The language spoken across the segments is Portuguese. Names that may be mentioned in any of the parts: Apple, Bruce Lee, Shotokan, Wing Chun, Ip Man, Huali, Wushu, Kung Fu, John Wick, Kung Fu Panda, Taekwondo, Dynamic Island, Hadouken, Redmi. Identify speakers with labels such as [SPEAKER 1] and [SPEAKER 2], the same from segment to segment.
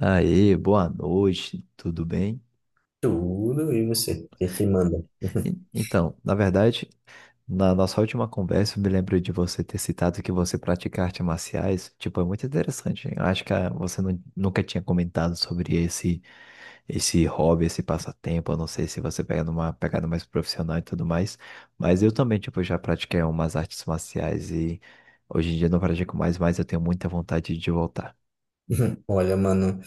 [SPEAKER 1] Aê, boa noite, tudo bem?
[SPEAKER 2] Tudo, e você? O que que manda?
[SPEAKER 1] Então, na verdade, na nossa última conversa, eu me lembro de você ter citado que você pratica artes marciais. Tipo, é muito interessante. Eu acho que você nunca tinha comentado sobre esse hobby, esse passatempo. Eu não sei se você pega numa pegada mais profissional e tudo mais. Mas eu também, tipo, já pratiquei umas artes marciais e hoje em dia eu não pratico mais, mas eu tenho muita vontade de voltar.
[SPEAKER 2] Olha, mano.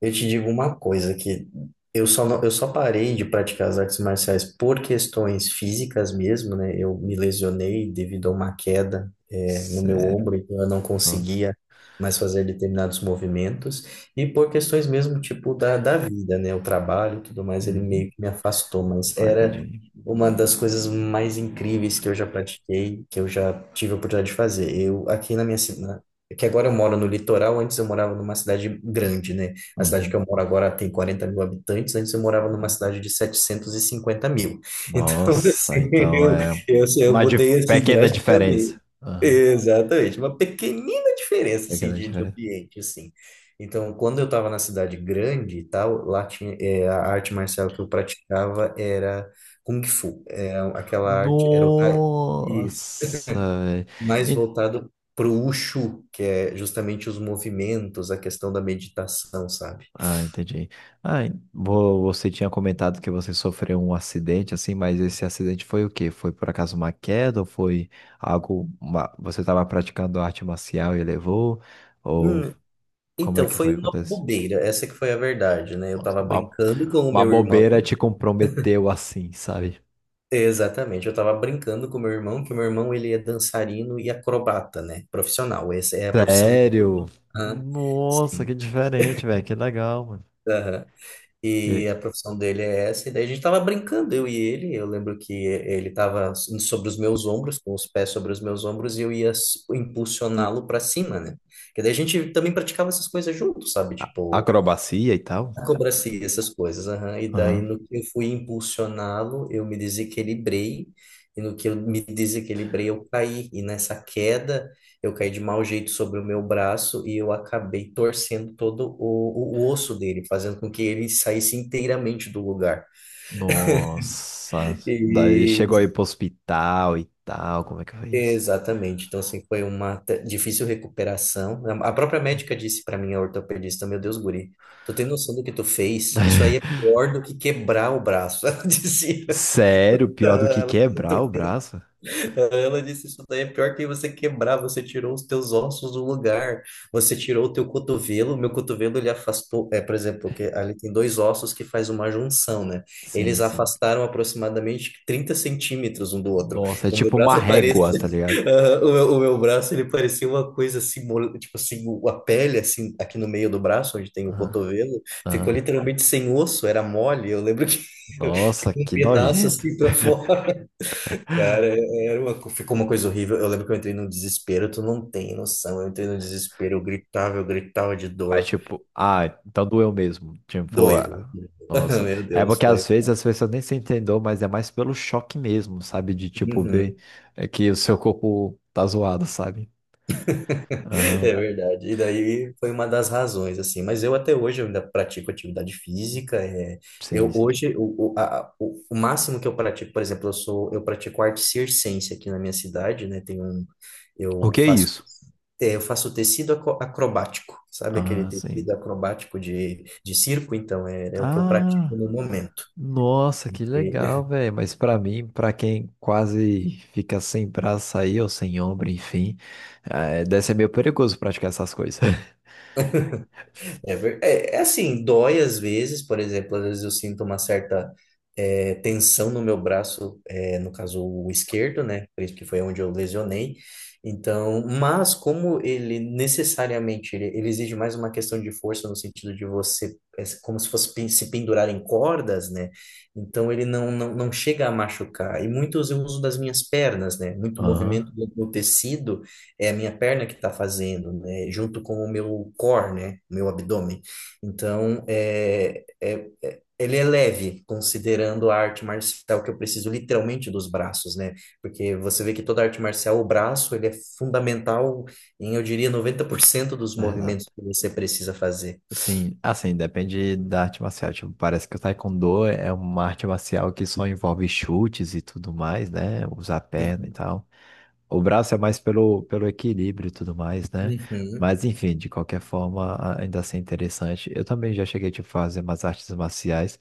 [SPEAKER 2] Eu te digo uma coisa que eu só não- eu só parei de praticar as artes marciais por questões físicas mesmo, né? Eu me lesionei devido a uma queda, no meu
[SPEAKER 1] Sério,
[SPEAKER 2] ombro, então eu não
[SPEAKER 1] todo.
[SPEAKER 2] conseguia mais fazer determinados movimentos e por questões mesmo tipo da vida, né? O trabalho e tudo mais, ele
[SPEAKER 1] Uhum.
[SPEAKER 2] meio que me afastou, mas
[SPEAKER 1] Ai,
[SPEAKER 2] era
[SPEAKER 1] tadinho.
[SPEAKER 2] uma das coisas mais incríveis que eu já pratiquei, que eu já tive a oportunidade de fazer. Eu aqui na minha cidade, que agora eu moro no litoral, antes eu morava numa cidade grande, né? A cidade que
[SPEAKER 1] Uhum.
[SPEAKER 2] eu moro agora tem 40 mil habitantes, antes eu morava numa cidade de 750 mil. Então,
[SPEAKER 1] Nossa,
[SPEAKER 2] assim,
[SPEAKER 1] então
[SPEAKER 2] eu,
[SPEAKER 1] é
[SPEAKER 2] eu, eu
[SPEAKER 1] uma
[SPEAKER 2] mudei assim
[SPEAKER 1] pequena
[SPEAKER 2] drasticamente.
[SPEAKER 1] diferença. Aham,
[SPEAKER 2] Exatamente, uma pequenina diferença assim,
[SPEAKER 1] pequena
[SPEAKER 2] de
[SPEAKER 1] diferença.
[SPEAKER 2] ambiente, assim. Então, quando eu estava na cidade grande e tal, lá tinha, é, a arte marcial que eu praticava era Kung Fu. É, aquela arte era o tai, isso.
[SPEAKER 1] Nossa, velho.
[SPEAKER 2] Mais
[SPEAKER 1] En-
[SPEAKER 2] voltado para o Wushu, que é justamente os movimentos, a questão da meditação, sabe?
[SPEAKER 1] Ah, entendi. Ah, você tinha comentado que você sofreu um acidente, assim, mas esse acidente foi o quê? Foi por acaso uma queda ou foi algo... Você estava praticando arte marcial e levou? Ou
[SPEAKER 2] Hum,
[SPEAKER 1] como é
[SPEAKER 2] Então,
[SPEAKER 1] que
[SPEAKER 2] foi
[SPEAKER 1] foi?
[SPEAKER 2] uma
[SPEAKER 1] Acontece?
[SPEAKER 2] bobeira, essa que foi a verdade, né? Eu
[SPEAKER 1] Nossa,
[SPEAKER 2] tava brincando com o
[SPEAKER 1] Uma
[SPEAKER 2] meu irmão,
[SPEAKER 1] bobeira te comprometeu assim, sabe?
[SPEAKER 2] exatamente, eu tava brincando com o meu irmão, que o meu irmão, ele é dançarino e acrobata, né? Profissional, essa é a profissão
[SPEAKER 1] Sério?
[SPEAKER 2] do... Aham.
[SPEAKER 1] Nossa,
[SPEAKER 2] Sim,
[SPEAKER 1] que diferente, velho. Que legal, mano.
[SPEAKER 2] aham.
[SPEAKER 1] E
[SPEAKER 2] E
[SPEAKER 1] aí?
[SPEAKER 2] a profissão dele é essa, e daí a gente tava brincando, eu e ele, eu lembro que ele tava sobre os meus ombros, com os pés sobre os meus ombros, e eu ia impulsioná-lo para cima, né? Que daí a gente também praticava essas coisas juntos, sabe? Tipo,
[SPEAKER 1] Acrobacia e tal.
[SPEAKER 2] acrobacia, essas coisas. Aham. E daí,
[SPEAKER 1] Aham.
[SPEAKER 2] no que eu fui impulsioná-lo, eu me desequilibrei, e no que eu me desequilibrei, eu caí. E nessa queda, eu caí de mau jeito sobre o meu braço e eu acabei torcendo todo o osso dele, fazendo com que ele saísse inteiramente do lugar.
[SPEAKER 1] Nossa. Daí
[SPEAKER 2] E,
[SPEAKER 1] chegou aí pro hospital e tal. Como é que foi isso?
[SPEAKER 2] exatamente. Então, assim, foi uma difícil recuperação. A própria médica disse para mim, a ortopedista, meu Deus, guri, tu tem noção do que tu fez? Isso aí é pior do que quebrar o braço, ela dizia.
[SPEAKER 1] Sério, pior do que
[SPEAKER 2] Ela,
[SPEAKER 1] quebrar o
[SPEAKER 2] tentou-
[SPEAKER 1] braço?
[SPEAKER 2] ela disse, isso daí é pior que você quebrar, você tirou os teus ossos do lugar, você tirou o teu cotovelo, meu cotovelo ele afastou, é, por exemplo, que ali tem dois ossos que faz uma junção, né?
[SPEAKER 1] Sim,
[SPEAKER 2] Eles
[SPEAKER 1] sim.
[SPEAKER 2] afastaram aproximadamente 30 centímetros um do outro.
[SPEAKER 1] Nossa, é
[SPEAKER 2] O meu
[SPEAKER 1] tipo uma
[SPEAKER 2] braço
[SPEAKER 1] régua,
[SPEAKER 2] parecia,
[SPEAKER 1] tá ligado?
[SPEAKER 2] ah, o meu braço ele parecia uma coisa assim, tipo assim, a pele assim, aqui no meio do braço, onde tem o
[SPEAKER 1] Aham,
[SPEAKER 2] cotovelo,
[SPEAKER 1] aham.
[SPEAKER 2] ficou literalmente sem osso, era mole, eu lembro que
[SPEAKER 1] Nossa,
[SPEAKER 2] ficou um
[SPEAKER 1] que
[SPEAKER 2] pedaço
[SPEAKER 1] nojento.
[SPEAKER 2] assim para fora. Cara, ficou uma coisa horrível. Eu lembro que eu entrei num desespero, tu não tem noção. Eu entrei num desespero, eu gritava de
[SPEAKER 1] Mas,
[SPEAKER 2] dor.
[SPEAKER 1] tipo, ah, então doeu mesmo. Tipo,
[SPEAKER 2] Doeu.
[SPEAKER 1] ah, nossa.
[SPEAKER 2] Meu
[SPEAKER 1] É
[SPEAKER 2] Deus,
[SPEAKER 1] porque
[SPEAKER 2] foi.
[SPEAKER 1] às vezes as pessoas nem se entendeu, mas é mais pelo choque mesmo, sabe? De, tipo, ver
[SPEAKER 2] Uhum.
[SPEAKER 1] é, que o seu corpo tá zoado, sabe? Aham,
[SPEAKER 2] É verdade. E daí foi uma das razões, assim. Mas eu até hoje eu ainda pratico atividade física. É,
[SPEAKER 1] sim,
[SPEAKER 2] eu
[SPEAKER 1] sim.
[SPEAKER 2] hoje o, a- o máximo que eu pratico, por exemplo, eu pratico arte circense aqui na minha cidade, né? Tem um
[SPEAKER 1] O
[SPEAKER 2] eu
[SPEAKER 1] que é
[SPEAKER 2] faço
[SPEAKER 1] isso?
[SPEAKER 2] eu faço tecido acrobático, sabe aquele
[SPEAKER 1] Ah,
[SPEAKER 2] tecido
[SPEAKER 1] sim.
[SPEAKER 2] acrobático de circo? Então é o que eu
[SPEAKER 1] Ah,
[SPEAKER 2] pratico no momento.
[SPEAKER 1] nossa, que legal, velho. Mas pra mim, pra quem quase fica sem braço aí, ou sem ombro, enfim, é, deve ser meio perigoso praticar essas coisas.
[SPEAKER 2] É, é assim, dói às vezes, por exemplo, às vezes eu sinto uma certa tensão no meu braço, no caso o esquerdo, né? Por isso que foi onde eu lesionei. Então, mas como ele necessariamente ele exige mais uma questão de força no sentido de você, é como se fosse se pendurar em cordas, né? Então ele não, não, não chega a machucar. E muitos eu uso das minhas pernas, né? Muito
[SPEAKER 1] Aham,
[SPEAKER 2] movimento do tecido é a minha perna que está fazendo, né? Junto com o meu core, né? O meu abdômen. Então, ele é leve, considerando a arte marcial que eu preciso literalmente dos braços, né? Porque você vê que toda arte marcial, o braço, ele é fundamental em, eu diria, 90% dos
[SPEAKER 1] é verdade.
[SPEAKER 2] movimentos que você precisa fazer.
[SPEAKER 1] Sim, assim, depende da arte marcial. Tipo, parece que o Taekwondo é uma arte marcial que só envolve chutes e tudo mais, né? Usar a perna e
[SPEAKER 2] Uhum.
[SPEAKER 1] tal. O braço é mais pelo equilíbrio e tudo mais, né?
[SPEAKER 2] Uhum.
[SPEAKER 1] Mas enfim, de qualquer forma, ainda assim é interessante. Eu também já cheguei tipo, a fazer umas artes marciais.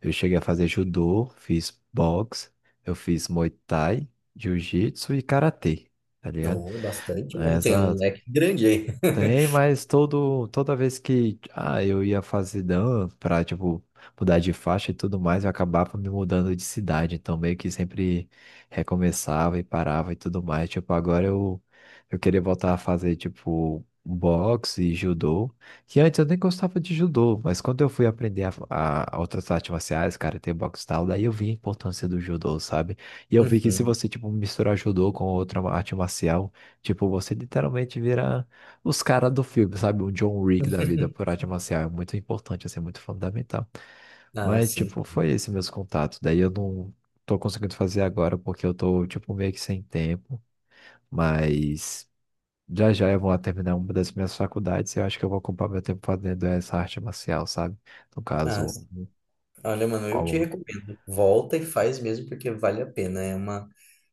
[SPEAKER 1] Eu cheguei a fazer judô, fiz boxe, eu fiz muay thai, jiu-jitsu e karatê, tá ligado?
[SPEAKER 2] Oh, bastante, mano. Tem
[SPEAKER 1] Essa,
[SPEAKER 2] um leque grande aí.
[SPEAKER 1] tem, mas todo, toda vez que eu ia fazer dan pra, tipo, mudar de faixa e tudo mais, eu acabava me mudando de cidade. Então, meio que sempre recomeçava e parava e tudo mais. Tipo, eu queria voltar a fazer, tipo, boxe e judô. Que antes eu nem gostava de judô, mas quando eu fui aprender a outras artes marciais, cara, tem boxe e tal, daí eu vi a importância do judô, sabe? E eu vi que se
[SPEAKER 2] Uhum.
[SPEAKER 1] você, tipo, misturar judô com outra arte marcial, tipo, você literalmente vira os caras do filme, sabe? O John Wick da vida por arte marcial é muito importante, assim, é muito fundamental.
[SPEAKER 2] Ah,
[SPEAKER 1] Mas,
[SPEAKER 2] sim.
[SPEAKER 1] tipo, foi esse meus contatos. Daí eu não tô conseguindo fazer agora porque eu tô, tipo, meio que sem tempo. Mas já já eu vou terminar uma das minhas faculdades e eu acho que eu vou ocupar meu tempo fazendo essa arte marcial, sabe? No
[SPEAKER 2] Ah,
[SPEAKER 1] caso,
[SPEAKER 2] sim. Olha, mano, eu te
[SPEAKER 1] alguma.
[SPEAKER 2] recomendo. Volta e faz mesmo, porque vale a pena. É uma,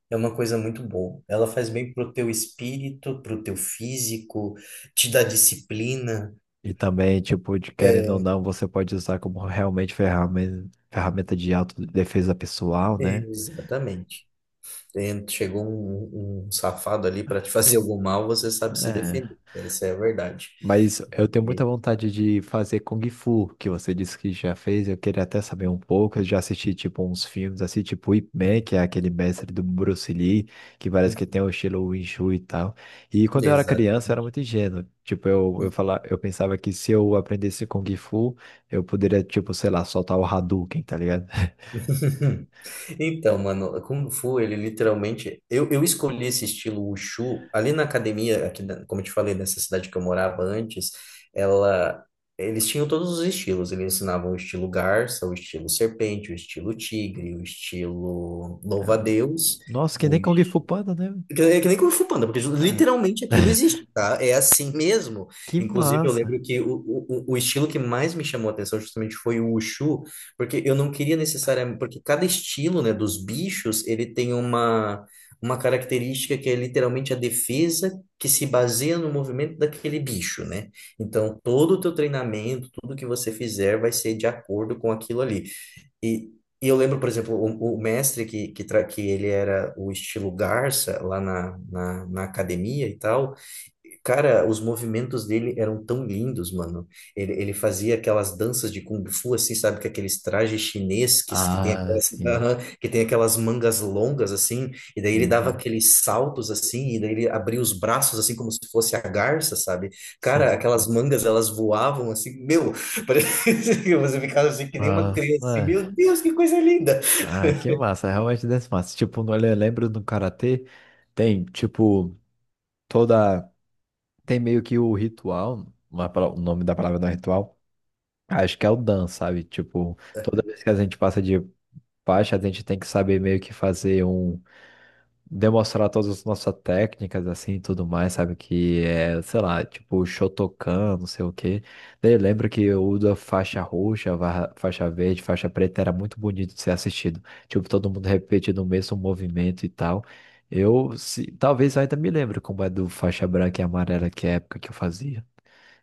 [SPEAKER 2] é uma coisa muito boa. Ela faz bem pro teu espírito, pro teu físico, te dá disciplina.
[SPEAKER 1] E também, tipo, de querendo ou
[SPEAKER 2] É,
[SPEAKER 1] não, você pode usar como realmente ferramenta de autodefesa pessoal, né?
[SPEAKER 2] Exatamente. Chegou um safado ali para te fazer algum mal, você sabe se defender. Essa é a verdade.
[SPEAKER 1] Mas eu tenho muita
[SPEAKER 2] E-
[SPEAKER 1] vontade de fazer Kung Fu, que você disse que já fez. Eu queria até saber um pouco. Eu já assisti, tipo, uns filmes assim, tipo Ip Man, que é aquele mestre do Bruce Lee, que parece que tem o estilo Wing Chun e tal. E quando eu era
[SPEAKER 2] Exato.
[SPEAKER 1] criança, eu era muito ingênuo. Tipo, falava, eu pensava que se eu aprendesse Kung Fu, eu poderia, tipo, sei lá, soltar o Hadouken, tá ligado?
[SPEAKER 2] Então, mano, Kung Fu, ele literalmente. Eu escolhi esse estilo Wushu ali na academia, aqui, como eu te falei, nessa cidade que eu morava antes, ela. Eles tinham todos os estilos. Eles ensinavam o estilo garça, o estilo serpente, o estilo tigre, o estilo louva-a-Deus,
[SPEAKER 1] Nossa, que nem Kung Fu Panda, né?
[SPEAKER 2] é que nem Kung Fu Panda, porque
[SPEAKER 1] Ah,
[SPEAKER 2] literalmente aquilo existe, tá? É assim mesmo.
[SPEAKER 1] que
[SPEAKER 2] Inclusive, eu
[SPEAKER 1] massa!
[SPEAKER 2] lembro que o estilo que mais me chamou a atenção justamente foi o Wushu, porque eu não queria necessariamente. Porque cada estilo, né, dos bichos, ele tem uma característica que é literalmente a defesa que se baseia no movimento daquele bicho, né? Então, todo o teu treinamento, tudo que você fizer vai ser de acordo com aquilo ali. E, e eu lembro, por exemplo, o mestre que ele era o estilo Garça lá na academia e tal, cara, os movimentos dele eram tão lindos, mano. Ele fazia aquelas danças de Kung Fu, assim, sabe? Com aqueles trajes chineses que tem
[SPEAKER 1] Ah,
[SPEAKER 2] aquelas,
[SPEAKER 1] sim.
[SPEAKER 2] aham, que tem aquelas mangas longas, assim. E daí ele dava
[SPEAKER 1] Uhum.
[SPEAKER 2] aqueles saltos, assim. E daí ele abria os braços, assim, como se fosse a garça, sabe? Cara,
[SPEAKER 1] Sim.
[SPEAKER 2] aquelas mangas, elas voavam, assim. Meu, parecia que você ficava assim, que nem uma
[SPEAKER 1] Nossa,
[SPEAKER 2] criança. Assim, meu
[SPEAKER 1] é.
[SPEAKER 2] Deus, que coisa linda!
[SPEAKER 1] Ah, que massa, realmente desse massa. Tipo, eu lembro do karatê, tem, tipo, toda. Tem meio que o ritual, o nome da palavra não é ritual, acho que é o dan, sabe? Tipo, toda vez que a gente passa de faixa, a gente tem que saber meio que fazer um demonstrar todas as nossas técnicas, assim, e tudo mais, sabe? Que é, sei lá, tipo, Shotokan, não sei o quê. Daí lembro que o da faixa roxa, faixa verde, faixa preta era muito bonito de ser assistido. Tipo, todo mundo repetindo o mesmo movimento e tal. Eu, se, talvez eu ainda me lembro como é do faixa branca e amarela, que é a época que eu fazia.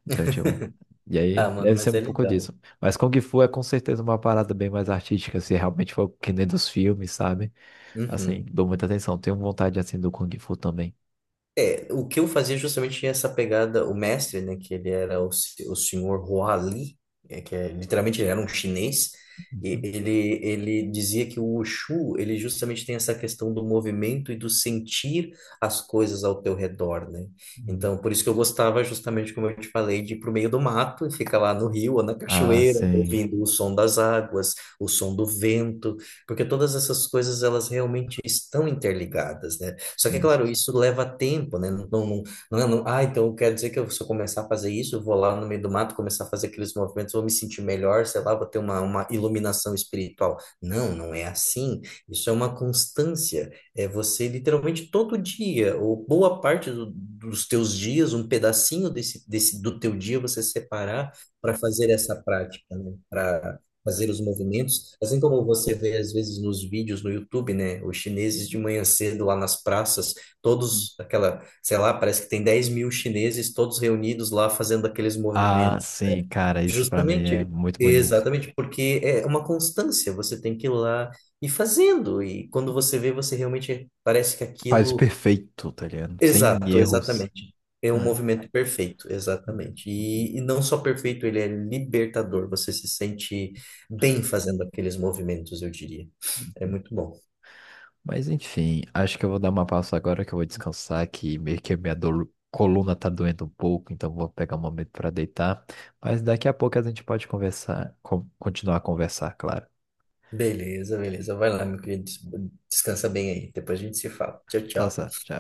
[SPEAKER 1] Então, tipo... E aí,
[SPEAKER 2] Ah, mano,
[SPEAKER 1] deve ser
[SPEAKER 2] mas
[SPEAKER 1] um
[SPEAKER 2] é
[SPEAKER 1] pouco
[SPEAKER 2] legal.
[SPEAKER 1] disso. Mas Kung Fu é com certeza uma parada bem mais artística, se realmente for que nem dos filmes, sabe? Assim,
[SPEAKER 2] Uhum.
[SPEAKER 1] dou muita atenção. Tenho vontade, assim, do Kung Fu também.
[SPEAKER 2] É, o que eu fazia justamente tinha essa pegada, o mestre, né, que ele era o, se- o senhor Huali, que é, literalmente ele era um chinês, e
[SPEAKER 1] Uhum.
[SPEAKER 2] ele dizia que o Wushu, ele justamente tem essa questão do movimento e do sentir as coisas ao teu redor, né?
[SPEAKER 1] Hum.
[SPEAKER 2] Então, por isso que eu gostava justamente, como eu te falei, de ir pro meio do mato e ficar lá no rio ou na
[SPEAKER 1] Ah,
[SPEAKER 2] cachoeira,
[SPEAKER 1] sim.
[SPEAKER 2] ouvindo o som das águas, o som do vento, porque todas essas coisas, elas realmente estão interligadas, né? Só que, é
[SPEAKER 1] Sim,
[SPEAKER 2] claro,
[SPEAKER 1] sim.
[SPEAKER 2] isso leva tempo, né? Não, não, não, ah, então quer dizer que eu, se eu começar a fazer isso, eu vou lá no meio do mato começar a fazer aqueles movimentos, vou me sentir melhor, sei lá, vou ter uma iluminação espiritual. Não, não é assim. Isso é uma constância. É você literalmente todo dia, ou boa parte dos teus dias, um pedacinho desse do teu dia você separar para fazer essa prática, né? Fazer os movimentos. Assim como você vê às vezes nos vídeos no YouTube, né? Os chineses de manhã cedo lá nas praças,
[SPEAKER 1] Uhum.
[SPEAKER 2] todos aquela, sei lá, parece que tem 10 mil chineses todos reunidos lá fazendo aqueles
[SPEAKER 1] Ah,
[SPEAKER 2] movimentos.
[SPEAKER 1] sim, cara, isso pra mim é
[SPEAKER 2] Justamente,
[SPEAKER 1] muito bonito.
[SPEAKER 2] exatamente, porque é uma constância, você tem que ir lá e fazendo. E quando você vê, você realmente parece que
[SPEAKER 1] Faz
[SPEAKER 2] aquilo.
[SPEAKER 1] perfeito, tá ligado? Sem
[SPEAKER 2] Exato,
[SPEAKER 1] erros.
[SPEAKER 2] exatamente. É um
[SPEAKER 1] É.
[SPEAKER 2] movimento perfeito, exatamente. E não só perfeito, ele é libertador. Você se sente bem fazendo aqueles movimentos, eu diria. É muito bom.
[SPEAKER 1] Mas enfim, acho que eu vou dar uma pausa agora que eu vou descansar, que meio que minha coluna tá doendo um pouco, então vou pegar um momento pra deitar. Mas daqui a pouco a gente pode conversar, continuar a conversar, claro.
[SPEAKER 2] Beleza, beleza. Vai lá, meu querido. Descansa bem aí. Depois a gente se fala. Tchau,
[SPEAKER 1] Tá
[SPEAKER 2] tchau.
[SPEAKER 1] certo, tchau.